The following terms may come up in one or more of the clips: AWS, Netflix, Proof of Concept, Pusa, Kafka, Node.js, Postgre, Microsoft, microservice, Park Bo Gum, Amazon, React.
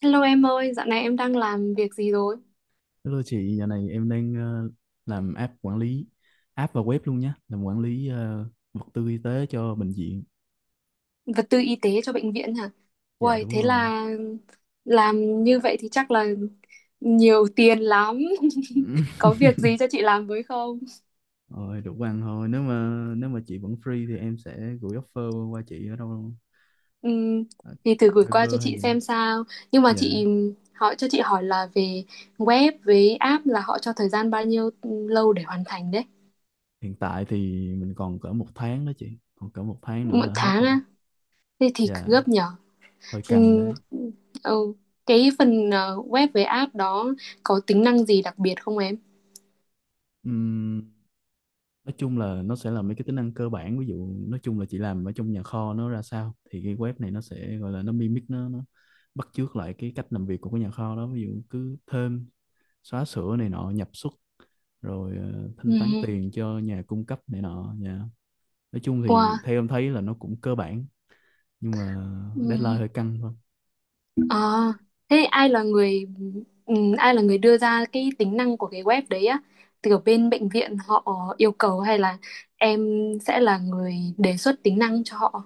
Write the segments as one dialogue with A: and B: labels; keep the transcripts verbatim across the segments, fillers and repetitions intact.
A: Hello em ơi, dạo này em đang làm việc gì rồi?
B: Hello chị, giờ này em đang ờ, làm app quản lý app và web luôn nhé, làm quản lý ờ, vật tư y tế cho bệnh viện.
A: Vật tư y tế cho bệnh viện hả?
B: Dạ
A: Uầy,
B: đúng
A: thế
B: rồi.
A: là làm như vậy thì chắc là nhiều tiền lắm. Có việc gì cho chị làm với không?
B: Rồi đủ ăn thôi. Nếu mà nếu mà chị vẫn free thì em sẽ gửi offer qua chị ở đâu,
A: Ừm,
B: ở
A: thì thử gửi qua cho
B: Viber hay
A: chị
B: gì đó.
A: xem sao. Nhưng mà
B: Dạ.
A: chị hỏi cho chị hỏi là về web với app là họ cho thời gian bao nhiêu lâu để hoàn thành đấy?
B: Hiện tại thì mình còn cỡ một tháng đó chị, còn cỡ một tháng nữa
A: Một
B: là hết
A: tháng
B: rồi.
A: á? Thế thì
B: Dạ,
A: gấp nhở?
B: hơi căng
A: Ừm, ừ. Cái phần ờ, web với app đó có tính năng gì đặc biệt không em?
B: đấy. Nói chung là nó sẽ là mấy cái tính năng cơ bản, ví dụ nói chung là chị làm ở trong nhà kho nó ra sao, thì cái web này nó sẽ gọi là nó mimic, nó nó bắt chước lại cái cách làm việc của cái nhà kho đó, ví dụ cứ thêm xóa sửa này nọ, nhập xuất, rồi ờ, thanh
A: Ừ.
B: toán tiền cho nhà cung cấp này nọ nha. Nói chung thì
A: Wow.
B: theo em thấy là nó cũng cơ bản, nhưng mà deadline
A: Ừ.
B: hơi căng thôi.
A: À, thế ai là người ừ, ai là người đưa ra cái tính năng của cái web đấy á? Từ bên bệnh viện họ yêu cầu hay là em sẽ là người đề xuất tính năng cho họ?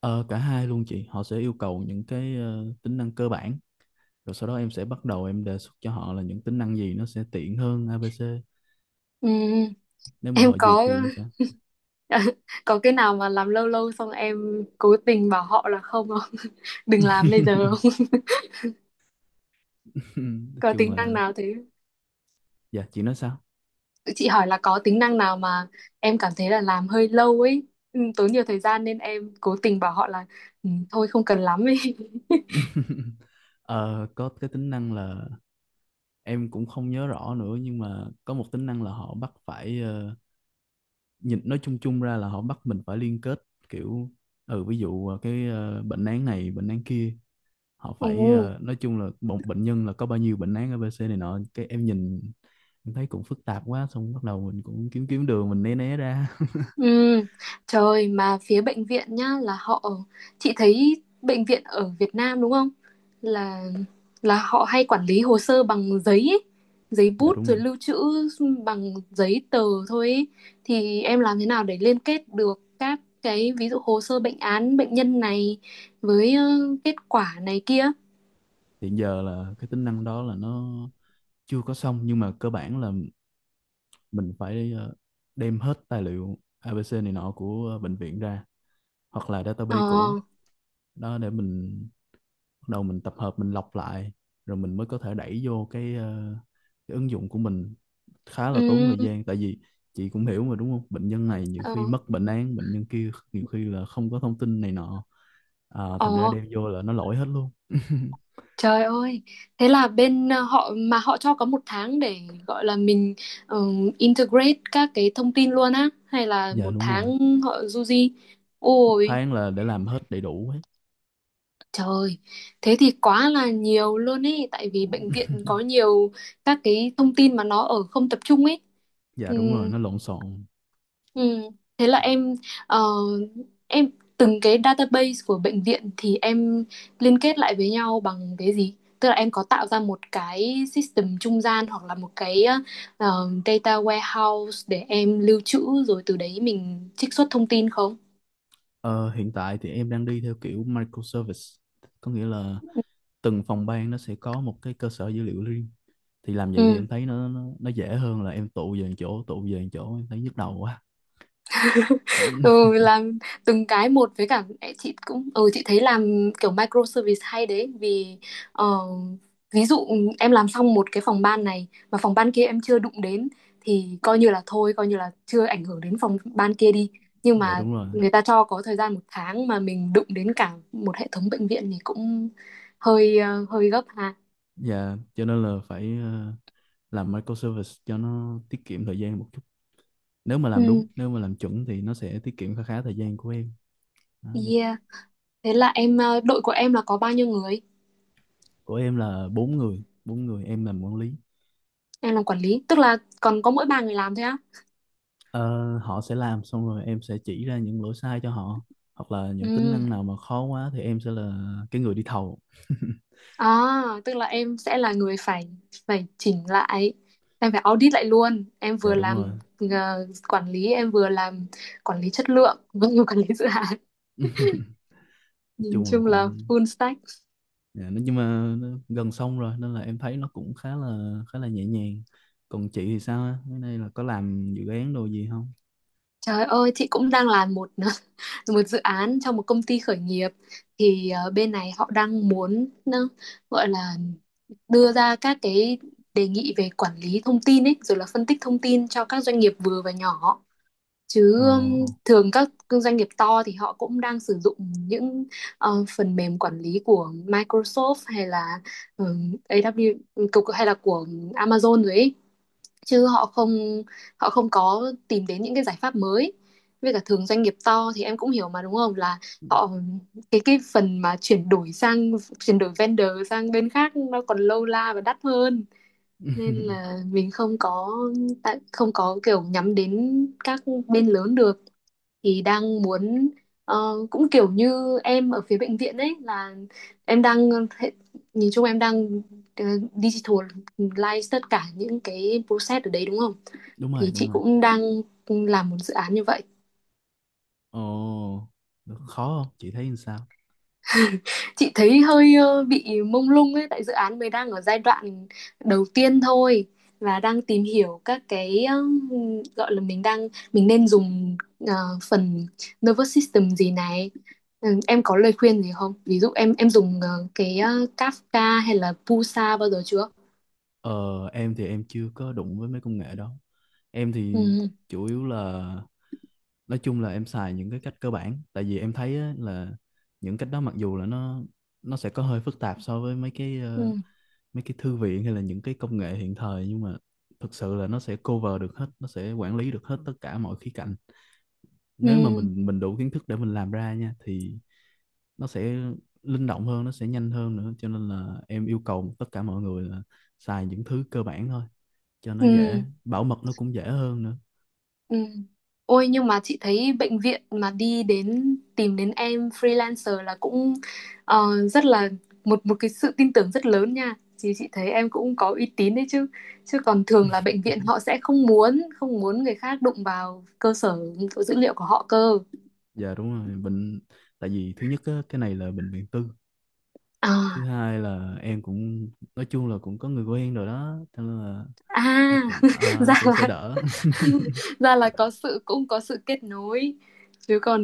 B: Ờ, cả hai luôn chị, họ sẽ yêu cầu những cái ờ, tính năng cơ bản, rồi sau đó em sẽ bắt đầu em đề xuất cho họ là những tính năng gì nó sẽ tiện hơn a bê xê,
A: Ừ.
B: nếu mà
A: Em
B: họ duyệt
A: có
B: thì em sẽ...
A: có cái nào mà làm lâu lâu xong em cố tình bảo họ là không, không? Đừng làm bây giờ không?
B: Nói
A: Có
B: chung
A: tính năng
B: là...
A: nào thế?
B: Dạ chị nói sao?
A: Chị hỏi là có tính năng nào mà em cảm thấy là làm hơi lâu ấy, ừ, tốn nhiều thời gian nên em cố tình bảo họ là ừ, thôi không cần lắm ấy.
B: Ờ, có cái tính năng là em cũng không nhớ rõ nữa, nhưng mà có một tính năng là họ bắt phải ờ, nhìn nói chung chung ra là họ bắt mình phải liên kết kiểu, ừ, ví dụ ờ, cái ờ, bệnh án này, bệnh án kia, họ phải,
A: Ừ.
B: ờ, nói chung là một bệnh nhân là có bao nhiêu bệnh án a bê xê này nọ, cái em nhìn em thấy cũng phức tạp quá, xong bắt đầu mình cũng kiếm kiếm đường mình né né ra.
A: Ừ, trời, mà phía bệnh viện nhá là họ, chị thấy bệnh viện ở Việt Nam đúng không? Là là họ hay quản lý hồ sơ bằng giấy ấy, giấy
B: Dạ
A: bút
B: đúng
A: rồi
B: rồi.
A: lưu trữ bằng giấy tờ thôi ấy. Thì em làm thế nào để liên kết được các cái ví dụ hồ sơ bệnh án bệnh nhân này với ờ, kết quả này kia.
B: Hiện giờ là cái tính năng đó là nó chưa có xong, nhưng mà cơ bản là mình phải ờ, đem hết tài liệu a bê xê này nọ của ờ, bệnh viện ra, hoặc là database cũ
A: Ờ.
B: đó, để mình bắt đầu mình tập hợp mình lọc lại, rồi mình mới có thể đẩy vô cái, ờ, cái ứng dụng của mình. Khá là tốn
A: Ừ.
B: thời gian, tại vì chị cũng hiểu mà đúng không, bệnh nhân này nhiều
A: Ờ.
B: khi mất bệnh án, bệnh nhân kia nhiều khi là không có thông tin này nọ, à, thành ra
A: Ờ.
B: đem vô là nó lỗi hết luôn.
A: Trời ơi, thế là bên ờ, họ mà họ cho có một tháng để gọi là mình ờ, integrate các cái thông tin luôn á, hay là
B: Dạ
A: một
B: đúng rồi,
A: tháng họ du di?
B: một
A: Ôi,
B: tháng là để làm hết đầy đủ ấy.
A: trời, thế thì quá là nhiều luôn ấy, tại vì bệnh viện có nhiều các cái thông tin mà nó ở không tập trung ấy.
B: Dạ đúng rồi, nó lộn xộn.
A: Ừ. Thế là em ờ, em từng cái database của bệnh viện thì em liên kết lại với nhau bằng cái gì? Tức là em có tạo ra một cái system trung gian hoặc là một cái ờ, data warehouse để em lưu trữ rồi từ đấy mình trích xuất thông tin không?
B: Ờ, hiện tại thì em đang đi theo kiểu microservice, có nghĩa là từng phòng ban nó sẽ có một cái cơ sở dữ liệu riêng. Thì làm vậy thì
A: Ừ.
B: em thấy nó nó, nó dễ hơn là em tụ về một chỗ, tụ về một chỗ em thấy nhức đầu quá.
A: ừ, làm từng cái một với cả ê, chị cũng ừ chị thấy làm kiểu micro service hay đấy vì ờ, ví dụ em làm xong một cái phòng ban này mà phòng ban kia em chưa đụng đến thì coi như là thôi, coi như là chưa ảnh hưởng đến phòng ban kia đi, nhưng
B: Dạ
A: mà
B: đúng rồi.
A: người ta cho có thời gian một tháng mà mình đụng đến cả một hệ thống bệnh viện thì cũng hơi ờ, hơi gấp ha.
B: Dạ cho nên là phải ờ, làm microservice cho nó tiết kiệm thời gian một chút. Nếu mà làm đúng,
A: Ừ,
B: nếu mà làm chuẩn thì nó sẽ tiết kiệm khá khá thời gian của em. Đó, nó-
A: yeah, thế là em ờ, đội của em là có bao nhiêu người,
B: Của em là bốn người, bốn người em làm quản lý.
A: em làm quản lý tức là còn có mỗi ba người làm thôi á.
B: Ờ, họ sẽ làm xong rồi em sẽ chỉ ra những lỗi sai cho họ, hoặc là những tính
A: Ừ.
B: năng nào mà khó quá thì em sẽ là cái người đi thầu.
A: À, tức là em sẽ là người phải phải chỉnh lại, em phải audit lại luôn. Em
B: Dạ
A: vừa
B: đúng
A: làm
B: rồi.
A: ờ, quản lý, em vừa làm quản lý chất lượng, vừa làm quản lý dự án.
B: Nói
A: Nhìn
B: chung là
A: chung là
B: cũng...
A: full stack.
B: Dạ, nó- nhưng mà nó gần xong rồi nên là em thấy nó cũng khá là khá là nhẹ nhàng. Còn chị thì sao á, cái này là có làm dự án đồ gì không?
A: Trời ơi, chị cũng đang làm một một dự án trong một công ty khởi nghiệp. Thì ờ, bên này họ đang muốn ờ, gọi là đưa ra các cái đề nghị về quản lý thông tin ấy, rồi là phân tích thông tin cho các doanh nghiệp vừa và nhỏ, chứ um,
B: Ồ.
A: thường các doanh nghiệp to thì họ cũng đang sử dụng những ờ, phần mềm quản lý của Microsoft hay là um, a vê kép ét cục- hay là của Amazon rồi ấy, chứ họ không họ không có tìm đến những cái giải pháp mới, với cả thường doanh nghiệp to thì em cũng hiểu mà đúng không, là họ cái cái phần mà chuyển đổi sang chuyển đổi vendor sang bên khác nó còn lâu la và đắt hơn, nên là mình không có tại- không có kiểu nhắm đến các bên lớn được, thì đang muốn ờ, cũng kiểu như em ở phía bệnh viện ấy là em đang hệ- nhìn chung em đang ờ, digital live tất cả những cái process ở đấy đúng không?
B: Đúng rồi,
A: Thì chị
B: đúng rồi.
A: cũng đang làm một dự án như vậy.
B: Ồ, khó không chị thấy như sao?
A: Chị thấy hơi ờ, bị mông lung ấy, tại dự án mới đang ở giai đoạn đầu tiên thôi và đang tìm hiểu các cái ờ, gọi là mình đang mình nên dùng ờ, phần nervous system gì này. Ừ, em có lời khuyên gì không, ví dụ em em dùng ờ, cái ờ, Kafka hay là Pusa bao giờ chưa?
B: Ờ em thì em chưa có đụng với mấy công nghệ đó. Em thì
A: Ừ.
B: chủ yếu là nói chung là em xài những cái cách cơ bản, tại vì em thấy á, là những cách đó mặc dù là nó nó sẽ có hơi phức tạp so với mấy cái ờ,
A: Ừ.
B: mấy cái thư viện hay là những cái công nghệ hiện thời, nhưng mà thực sự là nó sẽ cover được hết, nó sẽ quản lý được hết tất cả mọi khía cạnh. Nếu mà
A: Ừ.
B: mình mình đủ kiến thức để mình làm ra nha, thì nó sẽ linh động hơn, nó sẽ nhanh hơn nữa, cho nên là em yêu cầu tất cả mọi người là xài những thứ cơ bản thôi, cho nó
A: Ừ.
B: dễ,
A: Ừ.
B: bảo mật nó cũng dễ hơn nữa.
A: Ừ. Ôi, nhưng mà chị thấy bệnh viện mà đi đến tìm đến em freelancer là cũng ờ, rất là một một cái sự tin tưởng rất lớn nha. chị chị thấy em cũng có uy tín đấy chứ. Chứ còn thường là bệnh viện họ sẽ không muốn không muốn người khác đụng vào cơ sở dữ liệu của họ cơ.
B: Dạ đúng rồi, bệnh tại vì thứ nhất á, cái này là bệnh viện tư, thứ
A: À,
B: hai là em cũng nói chung là cũng có người quen rồi đó, thế nên là nó
A: à
B: cũng à,
A: ra
B: nó cũng sẽ
A: là
B: đỡ.
A: ra là có sự cũng có sự kết nối, chứ còn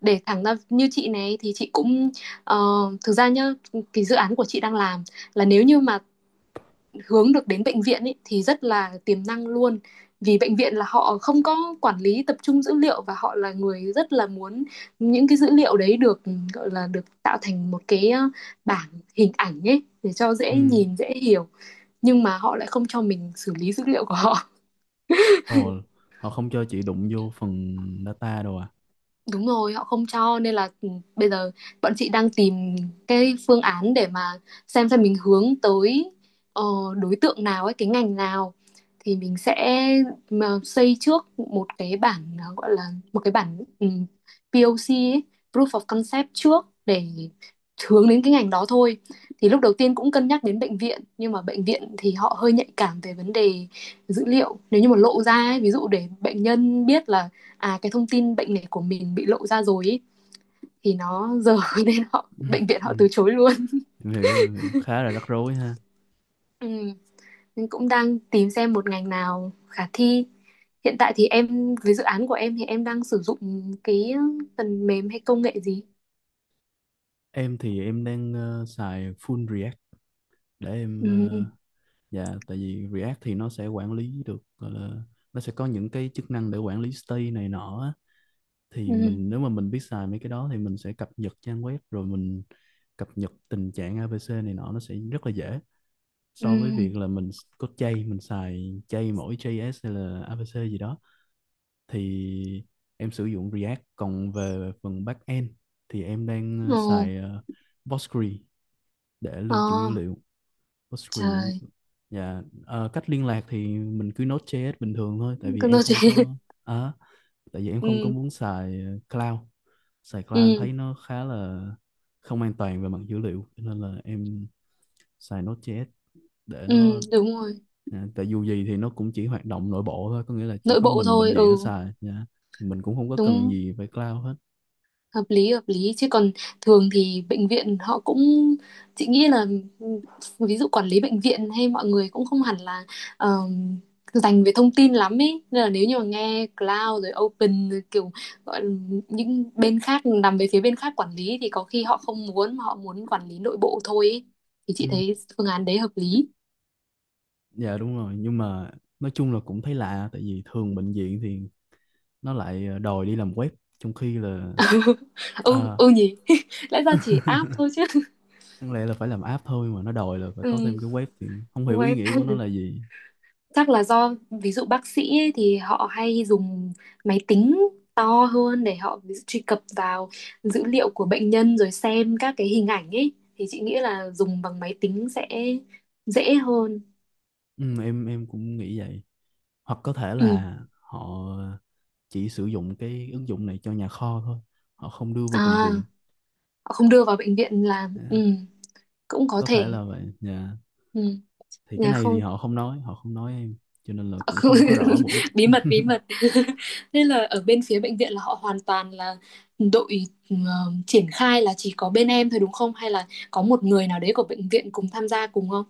A: để thẳng ra như chị này thì chị cũng ờ, thực ra nhá, cái dự án của chị đang làm là nếu như mà hướng được đến bệnh viện ấy, thì rất là tiềm năng luôn, vì bệnh viện là họ không có quản lý tập trung dữ liệu và họ là người rất là muốn những cái dữ liệu đấy được gọi là được tạo thành một cái ờ, bảng hình ảnh ấy để cho dễ
B: Ừ.
A: nhìn dễ hiểu, nhưng mà họ lại không cho mình xử lý dữ liệu của họ.
B: Ồ, họ không cho chị đụng vô phần data đâu à?
A: Đúng rồi, họ không cho nên là ừ, bây giờ bọn chị đang tìm cái phương án để mà xem xem mình hướng tới ờ, đối tượng nào ấy, cái ngành nào thì mình sẽ mà xây trước một cái bản ờ, gọi là một cái bản ừ, pê o xê ấy, Proof of Concept trước để hướng đến cái ngành đó thôi. Thì lúc đầu tiên cũng cân nhắc đến bệnh viện nhưng mà bệnh viện thì họ hơi nhạy cảm về vấn đề dữ liệu. Nếu như mà lộ ra ấy, ví dụ để bệnh nhân biết là à, cái thông tin bệnh này của mình bị lộ ra rồi ý, thì nó dở nên họ bệnh viện
B: Ừ.
A: họ từ chối luôn.
B: em hiểu em hiểu khá là rắc rối ha.
A: Ừ. Mình cũng đang tìm xem một ngành nào khả thi. Hiện tại thì em với dự án của em thì em đang sử dụng cái phần mềm hay công nghệ gì?
B: Em thì em đang ờ, xài full React để em ờ,
A: Ừ.
B: dạ, tại vì React thì nó sẽ quản lý được, gọi là nó sẽ có những cái chức năng để quản lý state này nọ á. Thì
A: Ừ.
B: mình, nếu mà mình biết xài mấy cái đó thì mình sẽ cập nhật trang web, rồi mình cập nhật tình trạng a bê xê này nọ, nó sẽ rất là dễ
A: Ừ.
B: so với việc là mình có chay, mình xài chay mỗi gi ét hay là a bê xê gì đó. Thì em sử dụng React, còn về phần backend thì em đang ờ,
A: Ồ.
B: xài ờ, Postgre để
A: Ờ,
B: lưu trữ dữ liệu. Postgre.
A: trời,
B: Dạ, ờ, cách liên lạc thì mình cứ Node.js bình thường thôi, tại vì
A: cứ
B: em
A: nói
B: không
A: chuyện.
B: có à, tại vì em không có
A: Ừ.
B: muốn xài ờ, cloud. Xài cloud em
A: Ừ.
B: thấy nó khá là không an toàn về mặt dữ liệu, nên là em xài Node.js để
A: Ừ.
B: nó...
A: Đúng rồi,
B: Dạ, tại dù gì thì nó cũng chỉ hoạt động nội bộ thôi, có nghĩa là chỉ
A: nội
B: có
A: bộ
B: mình bệnh
A: thôi.
B: viện nó
A: Ừ.
B: xài dạ. Mình cũng không có cần
A: Đúng,
B: gì phải cloud hết.
A: hợp lý, hợp lý, chứ còn thường thì bệnh viện họ cũng, chị nghĩ là ừ, ví dụ quản lý bệnh viện hay mọi người cũng không hẳn là ờm, dành về thông tin lắm ấy, nên là nếu như mà nghe cloud rồi open rồi kiểu gọi là những bên khác nằm về phía bên khác quản lý thì có khi họ không muốn, mà họ muốn quản lý nội bộ thôi ấy. Thì
B: Ừ.
A: chị thấy phương án đấy hợp lý.
B: Dạ đúng rồi, nhưng mà nói chung là cũng thấy lạ, tại vì thường bệnh viện thì nó lại ờ, đòi đi làm web, trong khi là
A: Ừ,
B: à,
A: ừ nhỉ. Lẽ ra chỉ app thôi chứ.
B: đáng lẽ là phải làm app thôi, mà nó đòi là phải có
A: Ừ,
B: thêm cái web, thì không hiểu ý
A: với
B: nghĩa của nó là gì.
A: chắc là do ví dụ bác sĩ ấy, thì họ hay dùng máy tính to hơn để họ ví dụ, truy cập vào dữ liệu của bệnh nhân rồi xem các cái hình ảnh ấy thì chị nghĩ là dùng bằng máy tính sẽ dễ hơn.
B: Ừ, em em cũng nghĩ vậy. Hoặc có thể
A: Ừ.
B: là họ chỉ sử dụng cái ứng dụng này cho nhà kho thôi, họ không đưa vào bệnh
A: À,
B: viện.
A: họ không đưa vào bệnh viện là
B: Dạ,
A: ừ, cũng có
B: có thể
A: thể.
B: là vậy. Dạ.
A: Ừ.
B: Thì cái
A: Nhà
B: này thì
A: không.
B: họ không nói, họ không nói em, cho nên là cũng
A: Không,
B: không có rõ mục đích.
A: bí mật, bí mật. Nên là ở bên phía bệnh viện là họ hoàn toàn là đội ờ, triển khai là chỉ có bên em thôi đúng không, hay là có một người nào đấy của bệnh viện cùng tham gia cùng không?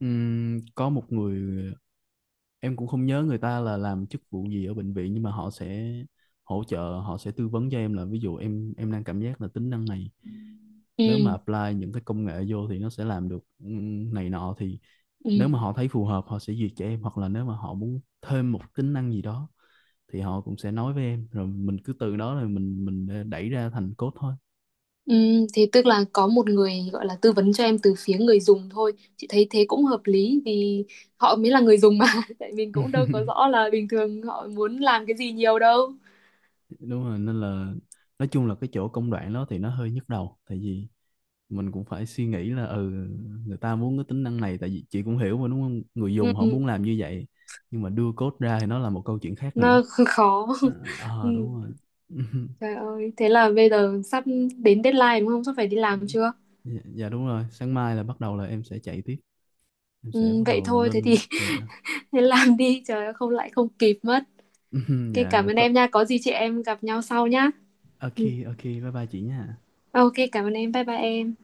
B: Ừm, có một người, em cũng không nhớ người ta là làm chức vụ gì ở bệnh viện, nhưng mà họ sẽ hỗ trợ, họ sẽ tư vấn cho em là ví dụ em em đang cảm giác là tính năng này, nếu mà
A: Ừ.
B: apply những cái công nghệ vô thì nó sẽ làm được ừm, này nọ, thì
A: Ừ.
B: nếu mà họ thấy phù hợp họ sẽ duyệt cho em, hoặc là nếu mà họ muốn thêm một tính năng gì đó thì họ cũng sẽ nói với em, rồi mình cứ từ đó rồi mình mình đẩy ra thành code thôi.
A: Ừ. Thế tức là có một người gọi là tư vấn cho em từ phía người dùng thôi, chị thấy thế cũng hợp lý vì họ mới là người dùng mà. Tại mình cũng đâu có rõ là bình thường họ muốn làm cái gì nhiều đâu.
B: Đúng rồi, nên là nói chung là cái chỗ công đoạn đó thì nó hơi nhức đầu, tại vì mình cũng phải suy nghĩ là ừ người ta muốn cái tính năng này, tại vì chị cũng hiểu mà đúng không, người
A: Ừ.
B: dùng họ muốn làm như vậy nhưng mà đưa code ra thì nó là một câu chuyện khác nữa.
A: Nó khó.
B: Ờ.
A: Ừ.
B: Ờ, đúng rồi.
A: Trời ơi, thế là bây giờ sắp đến deadline đúng không? Sắp phải đi làm chưa?
B: Dạ, dạ đúng rồi, sáng mai là bắt đầu là em sẽ chạy tiếp, em sẽ
A: Ừ,
B: bắt
A: vậy
B: đầu
A: thôi, thế thì
B: lên dạ.
A: thế làm đi, trời ơi, không lại không kịp mất. Ok, cảm
B: Dạ
A: ơn
B: có.
A: em nha, có gì chị em gặp nhau sau nhá.
B: Ok.
A: Ừ.
B: Ok bye bye chị nha.
A: Ok, cảm ơn em, bye bye em.